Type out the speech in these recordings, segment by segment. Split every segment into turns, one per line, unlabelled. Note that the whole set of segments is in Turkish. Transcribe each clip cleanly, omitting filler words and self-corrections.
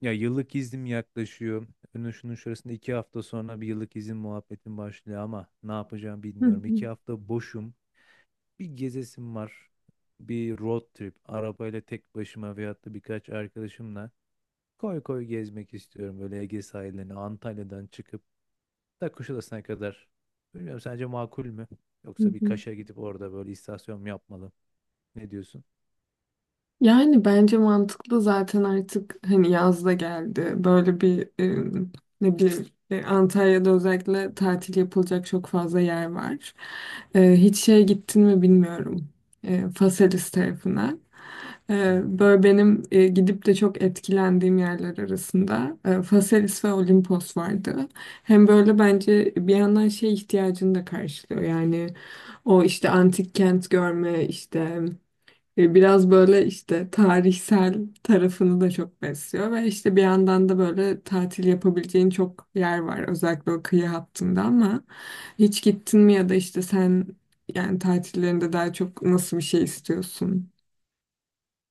Ya yıllık iznim yaklaşıyor. Önü şunun şurasında 2 hafta sonra bir yıllık izin muhabbetim başlıyor ama ne yapacağımı
Hı
bilmiyorum.
hı,
2 hafta boşum. Bir gezesim var. Bir road trip. Arabayla tek başıma veyahut da birkaç arkadaşımla koy koy gezmek istiyorum. Böyle Ege sahillerini Antalya'dan çıkıp da Kuşadası'na kadar. Bilmiyorum, sence makul mü?
hı
Yoksa bir
hı.
Kaş'a gidip orada böyle istasyon mu yapmalı? Ne diyorsun?
Yani bence mantıklı zaten artık hani yaz da geldi. Böyle bir ne bileyim Antalya'da özellikle tatil yapılacak çok fazla yer var. Hiç şeye gittin mi bilmiyorum. Faselis tarafına.
Hı hı.
Böyle benim gidip de çok etkilendiğim yerler arasında Faselis ve Olimpos vardı. Hem böyle bence bir yandan şey ihtiyacını da karşılıyor. Yani o işte antik kent görme işte. Biraz böyle işte tarihsel tarafını da çok besliyor ve işte bir yandan da böyle tatil yapabileceğin çok yer var özellikle o kıyı hattında, ama hiç gittin mi ya da işte sen yani tatillerinde daha çok nasıl bir şey istiyorsun?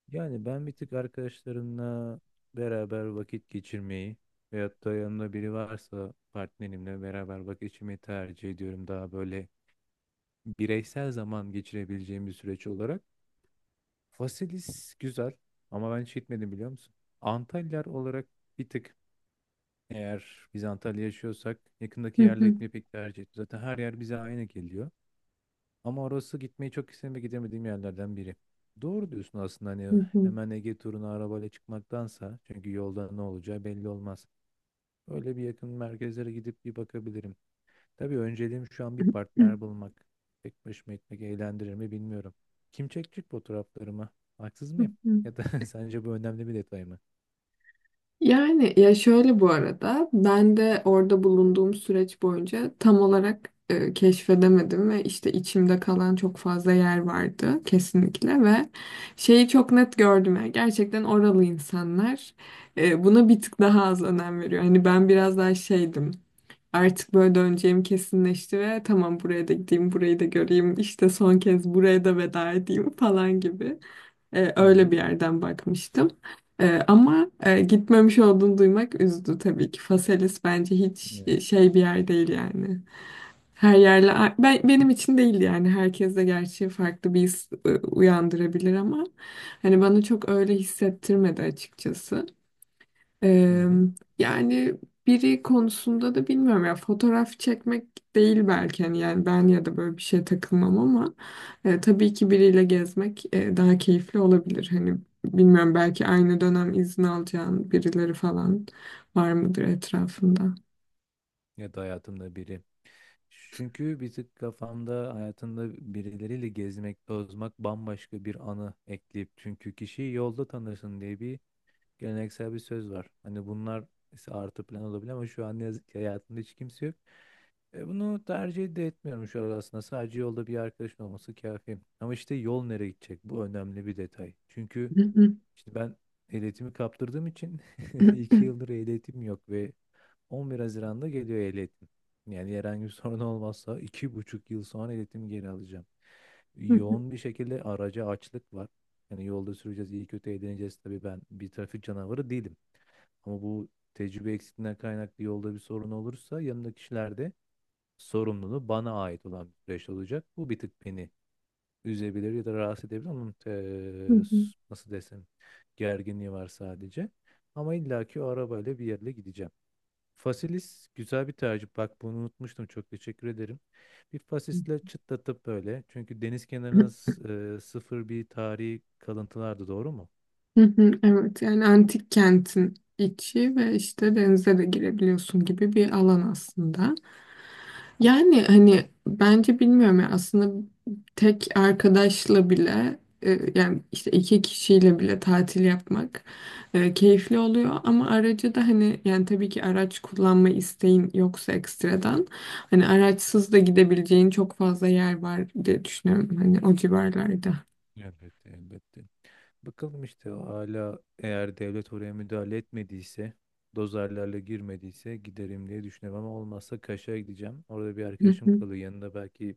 Yani ben bir tık arkadaşlarımla beraber vakit geçirmeyi veyahut da yanımda biri varsa partnerimle beraber vakit geçirmeyi tercih ediyorum. Daha böyle bireysel zaman geçirebileceğim bir süreç olarak. Fasilis güzel ama ben hiç gitmedim, biliyor musun? Antalyalar olarak bir tık, eğer biz Antalya yaşıyorsak yakındaki
Hı
yerlere
hı,
gitmeyi pek tercih etmiyorum. Zaten her yer bize aynı geliyor. Ama orası gitmeyi çok istedim ve gidemediğim yerlerden biri. Doğru diyorsun aslında, hani
hı hı,
hemen Ege turuna arabayla çıkmaktansa, çünkü yolda ne olacağı belli olmaz. Öyle bir yakın merkezlere gidip bir bakabilirim. Tabii önceliğim şu an bir
hı
partner bulmak. Tek başıma gitmek eğlendirir mi bilmiyorum. Kim çekecek fotoğraflarımı? Haksız
hı,
mıyım?
hı hı.
Ya da sence bu önemli bir detay mı?
Yani ya şöyle, bu arada ben de orada bulunduğum süreç boyunca tam olarak keşfedemedim ve işte içimde kalan çok fazla yer vardı kesinlikle ve şeyi çok net gördüm, yani gerçekten oralı insanlar buna bir tık daha az önem veriyor. Hani ben biraz daha şeydim, artık böyle döneceğim kesinleşti ve tamam buraya da gideyim, burayı da göreyim, işte son kez buraya da veda edeyim falan gibi.
Hı
Öyle bir
hı.
yerden bakmıştım. Ama gitmemiş olduğunu duymak üzdü tabii ki. Faselis bence
Ne
hiç
yazık.
şey bir yer değil yani. Her yerle ben, benim için değil yani, herkes de gerçi farklı bir his uyandırabilir ama hani bana çok öyle hissettirmedi açıkçası.
Hı
Eee,
hı.
Yani biri konusunda da bilmiyorum ya, fotoğraf çekmek değil belki, hani yani ben ya da böyle bir şeye takılmam ama tabii ki biriyle gezmek daha keyifli olabilir. Hani bilmiyorum, belki aynı dönem izin alacağın birileri falan var mıdır etrafında?
Ya da hayatımda biri. Çünkü bir tık kafamda hayatında birileriyle gezmek, tozmak bambaşka bir anı ekleyip, çünkü kişiyi yolda tanırsın diye bir geleneksel bir söz var. Hani bunlar ise artı plan olabilir ama şu an ne yazık ki hayatımda hiç kimse yok. E, bunu tercih de etmiyorum şu an aslında. Sadece yolda bir arkadaşın olması kafi. Ama işte yol nereye gidecek? Bu önemli bir detay. Çünkü işte ben ehliyetimi kaptırdığım için 2 yıldır ehliyetim yok ve 11 Haziran'da geliyor ehliyetim. Yani herhangi bir sorun olmazsa 2,5 yıl sonra ehliyetimi geri alacağım. Yoğun bir şekilde araca açlık var. Yani yolda süreceğiz, iyi kötü eğleneceğiz. Tabii ben bir trafik canavarı değilim. Ama bu tecrübe eksikliğinden kaynaklı yolda bir sorun olursa yanımdaki kişilerde sorumluluğu bana ait olan bir süreç olacak. Bu bir tık beni üzebilir ya da rahatsız edebilir. Onun nasıl desem, gerginliği var sadece. Ama illaki o arabayla bir yerle gideceğim. Fasilis güzel bir tercih. Bak bunu unutmuştum. Çok teşekkür ederim. Bir fasisle çıtlatıp böyle. Çünkü deniz kenarına sıfır bir tarihi kalıntılardı, doğru mu?
Evet, yani antik kentin içi ve işte denize de girebiliyorsun gibi bir alan aslında. Yani hani bence bilmiyorum ya, aslında tek arkadaşla bile yani işte iki kişiyle bile tatil yapmak keyifli oluyor ama aracı da hani, yani tabii ki araç kullanma isteğin yoksa ekstradan hani araçsız da gidebileceğin çok fazla yer var diye düşünüyorum hani o civarlarda.
Elbette, elbette. Bakalım işte hala eğer devlet oraya müdahale etmediyse, dozerlerle girmediyse giderim diye düşünüyorum ama olmazsa Kaş'a gideceğim. Orada bir arkadaşım
Hı
kalıyor, yanında belki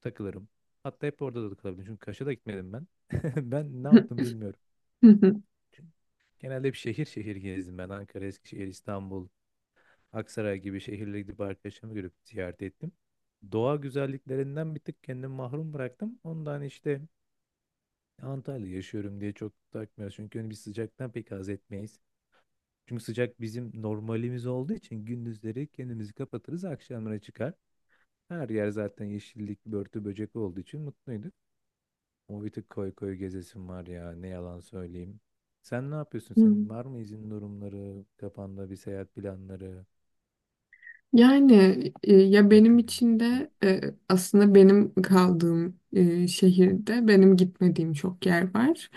takılırım. Hatta hep orada da kalabilirim çünkü Kaş'a da gitmedim ben. Ben ne yaptım bilmiyorum.
hı.
Genelde bir şehir şehir gezdim ben. Ankara, Eskişehir, İstanbul, Aksaray gibi şehirlere gidip arkadaşlarımı görüp ziyaret ettim. Doğa güzelliklerinden bir tık kendimi mahrum bıraktım. Ondan işte Antalya'da yaşıyorum diye çok takmıyoruz. Çünkü hani biz sıcaktan pek haz etmeyiz. Çünkü sıcak bizim normalimiz olduğu için gündüzleri kendimizi kapatırız, akşamlara çıkar. Her yer zaten yeşillik, börtü, böcek olduğu için mutluyduk. O bir tık koy koy gezesim var ya, ne yalan söyleyeyim. Sen ne yapıyorsun? Senin var mı izin durumları, kafanda bir seyahat planları
Yani ya benim
yakın
için
gelecekte?
de aslında benim kaldığım şehirde benim gitmediğim çok yer var.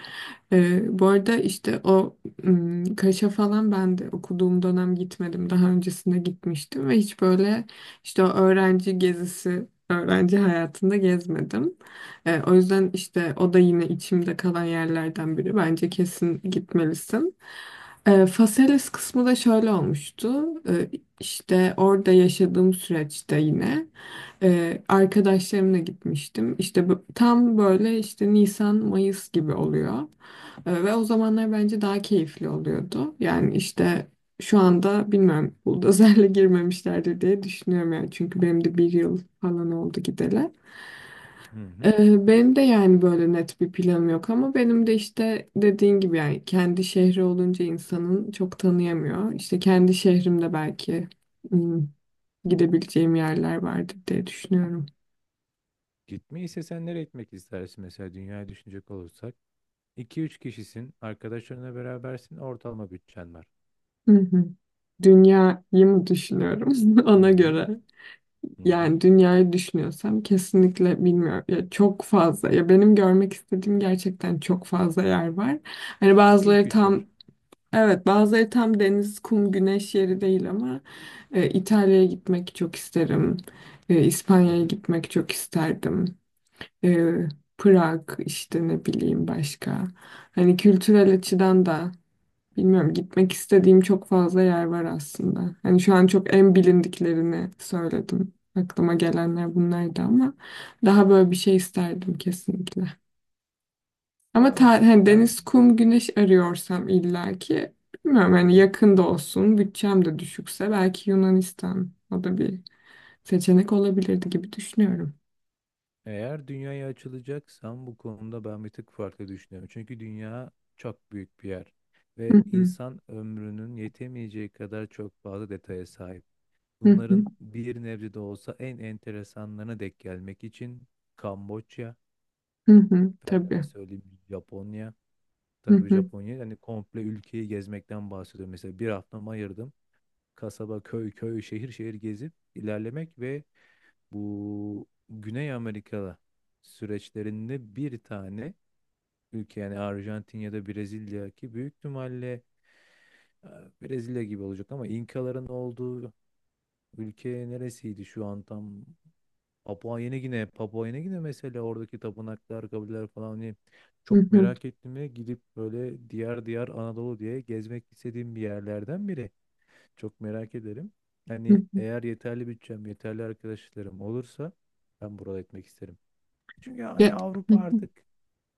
Bu arada işte o Kaş'a falan ben de okuduğum dönem gitmedim. Daha öncesinde gitmiştim ve hiç böyle işte o öğrenci gezisi, öğrenci hayatında gezmedim. O yüzden işte o da yine içimde kalan yerlerden biri. Bence kesin gitmelisin. Faselis kısmı da şöyle olmuştu. E, işte orada yaşadığım süreçte yine arkadaşlarımla gitmiştim. İşte tam böyle işte Nisan, Mayıs gibi oluyor. Ve o zamanlar bence daha keyifli oluyordu. Yani işte şu anda bilmiyorum, buldozerle girmemişlerdir diye düşünüyorum yani. Çünkü benim de bir yıl falan oldu gideli.
Hı hı.
Benim de yani böyle net bir planım yok, ama benim de işte dediğin gibi yani kendi şehri olunca insanın çok tanıyamıyor. İşte kendi şehrimde belki gidebileceğim yerler vardır diye düşünüyorum.
Gitmeyi istesen nereye gitmek istersin mesela, dünyayı düşünecek olursak? İki üç kişisin, arkadaşlarınla berabersin, ortalama bütçen var.
Hı hı. Dünyayı mı düşünüyorum
Hı
ona
hı.
göre?
Hı
Yani
hı.
dünyayı düşünüyorsam kesinlikle bilmiyorum. Ya çok fazla. Ya benim görmek istediğim gerçekten çok fazla yer var. Hani
İlk
bazıları
üç yer.
tam, evet, bazıları tam deniz, kum, güneş yeri değil ama İtalya'ya gitmek çok isterim.
Hı
İspanya'ya
hı.
gitmek çok isterdim. E, Prag, işte ne bileyim başka. Hani kültürel açıdan da, bilmiyorum, gitmek istediğim çok fazla yer var aslında. Hani şu an çok en bilindiklerini söyledim. Aklıma gelenler bunlardı ama daha böyle bir şey isterdim kesinlikle. Ama
Aa,
hani
ben.
deniz, kum, güneş arıyorsam, illaki bilmiyorum
Hı
hani,
hı.
yakında olsun, bütçem de düşükse belki Yunanistan, o da bir seçenek olabilirdi gibi düşünüyorum.
Eğer dünyaya açılacaksam bu konuda ben bir tık farklı düşünüyorum. Çünkü dünya çok büyük bir yer ve
Hı hı,
insan ömrünün yetemeyeceği kadar çok fazla detaya sahip.
hı hı,
Bunların bir nebze de olsa en enteresanlarına denk gelmek için Kamboçya,
hı hı, tabii.
efendime söyleyeyim, Japonya.
Hı
Tabii
hı,
Japonya, yani komple ülkeyi gezmekten bahsediyorum. Mesela bir haftamı ayırdım. Kasaba, köy, köy, şehir, şehir gezip ilerlemek ve bu Güney Amerika'da süreçlerinde bir tane ülke, yani Arjantin ya da Brezilya, ki büyük ihtimalle e, Brezilya gibi olacak, ama İnkaların olduğu ülke neresiydi şu an tam? Papua Yeni Gine. Papua Yeni Gine, mesela oradaki tapınaklar, kabileler falan, hani
hı
çok
hı,
merak ettiğime gidip böyle diyar diyar Anadolu diye gezmek istediğim bir yerlerden biri, çok merak ederim.
hı
Hani
hı.
eğer yeterli bütçem, yeterli arkadaşlarım olursa ben buralara etmek isterim. Çünkü hani
Ya- hı
Avrupa artık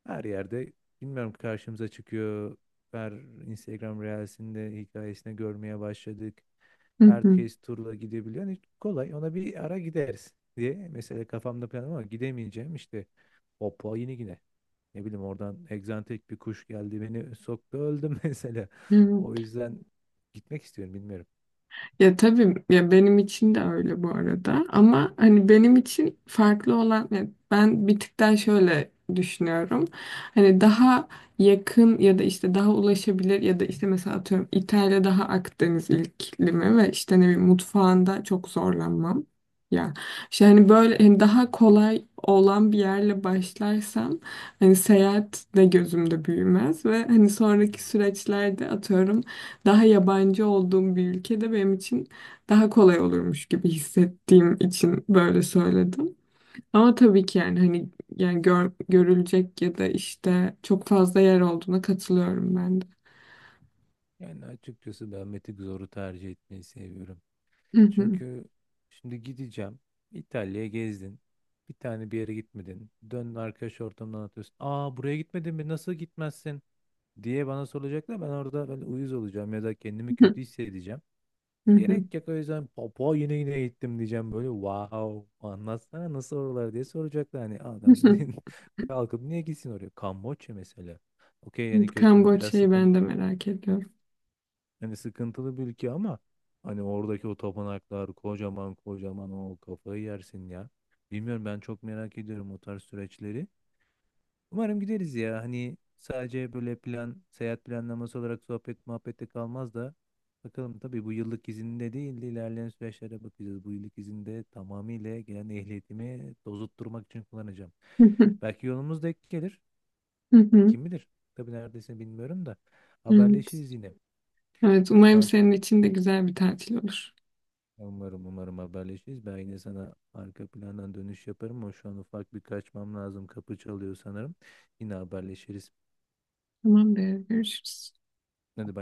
her yerde bilmiyorum karşımıza çıkıyor. Her Instagram Reels'inde, hikayesinde görmeye başladık.
hı,
Herkes turla gidebiliyor. Hani kolay, ona bir ara gideriz diye mesela kafamda plan, ama gidemeyeceğim işte Papua yine yine. Ne bileyim, oradan egzantik bir kuş geldi, beni soktu, öldüm mesela.
hı hı.
O yüzden gitmek istiyorum, bilmiyorum.
Ya tabii ya, benim için de öyle bu arada, ama hani benim için farklı olan, ya ben bir tık daha şöyle düşünüyorum. Hani daha yakın ya da işte daha ulaşabilir ya da işte mesela atıyorum İtalya, daha Akdeniz iklimi ve işte ne bileyim, mutfağında çok zorlanmam. Ya işte hani böyle, hani daha kolay olan bir yerle başlarsam hani seyahat de gözümde büyümez ve hani sonraki süreçlerde atıyorum daha yabancı olduğum bir ülkede benim için daha kolay olurmuş gibi hissettiğim için böyle söyledim. Ama tabii ki, yani hani, yani görülecek ya da işte çok fazla yer olduğuna katılıyorum ben de.
Yani açıkçası ben Meteor Zor'u tercih etmeyi seviyorum. Çünkü şimdi gideceğim. İtalya'ya gezdin. Bir tane bir yere gitmedin. Dön arkadaş ortamından, atıyorsun. Aa, buraya gitmedin mi? Nasıl gitmezsin? Diye bana soracaklar. Ben orada böyle uyuz olacağım ya da kendimi kötü hissedeceğim. E, gerek yok. O yüzden Papua yine yine gittim diyeceğim, böyle wow anlatsana nasıl oralar diye soracaklar. Hani adam kalkıp niye gitsin oraya? Kamboçya mesela, okey, yani
Evet,
kötü, biraz
Kamboçya'yı
sıkıntı.
ben de merak ediyorum.
Hani sıkıntılı bir ülke ama hani oradaki o tapınaklar kocaman kocaman, o kafayı yersin ya. Bilmiyorum, ben çok merak ediyorum o tarz süreçleri. Umarım gideriz ya. Hani sadece böyle plan, seyahat planlaması olarak sohbet muhabbette kalmaz da, bakalım. Tabii bu yıllık izinde değil de ilerleyen süreçlere bakacağız. Bu yıllık izinde tamamıyla gelen ehliyetimi dozutturmak için kullanacağım. Belki yolumuz denk gelir. Kim bilir? Tabii neredeyse bilmiyorum da
Evet.
haberleşiriz yine.
Evet,
Şu
umarım
an,
senin için de güzel bir tatil olur.
ya, umarım umarım haberleşiriz. Ben yine sana arka plandan dönüş yaparım ama şu an ufak bir kaçmam lazım. Kapı çalıyor sanırım. Yine haberleşiriz.
Tamamdır, görüşürüz.
Hadi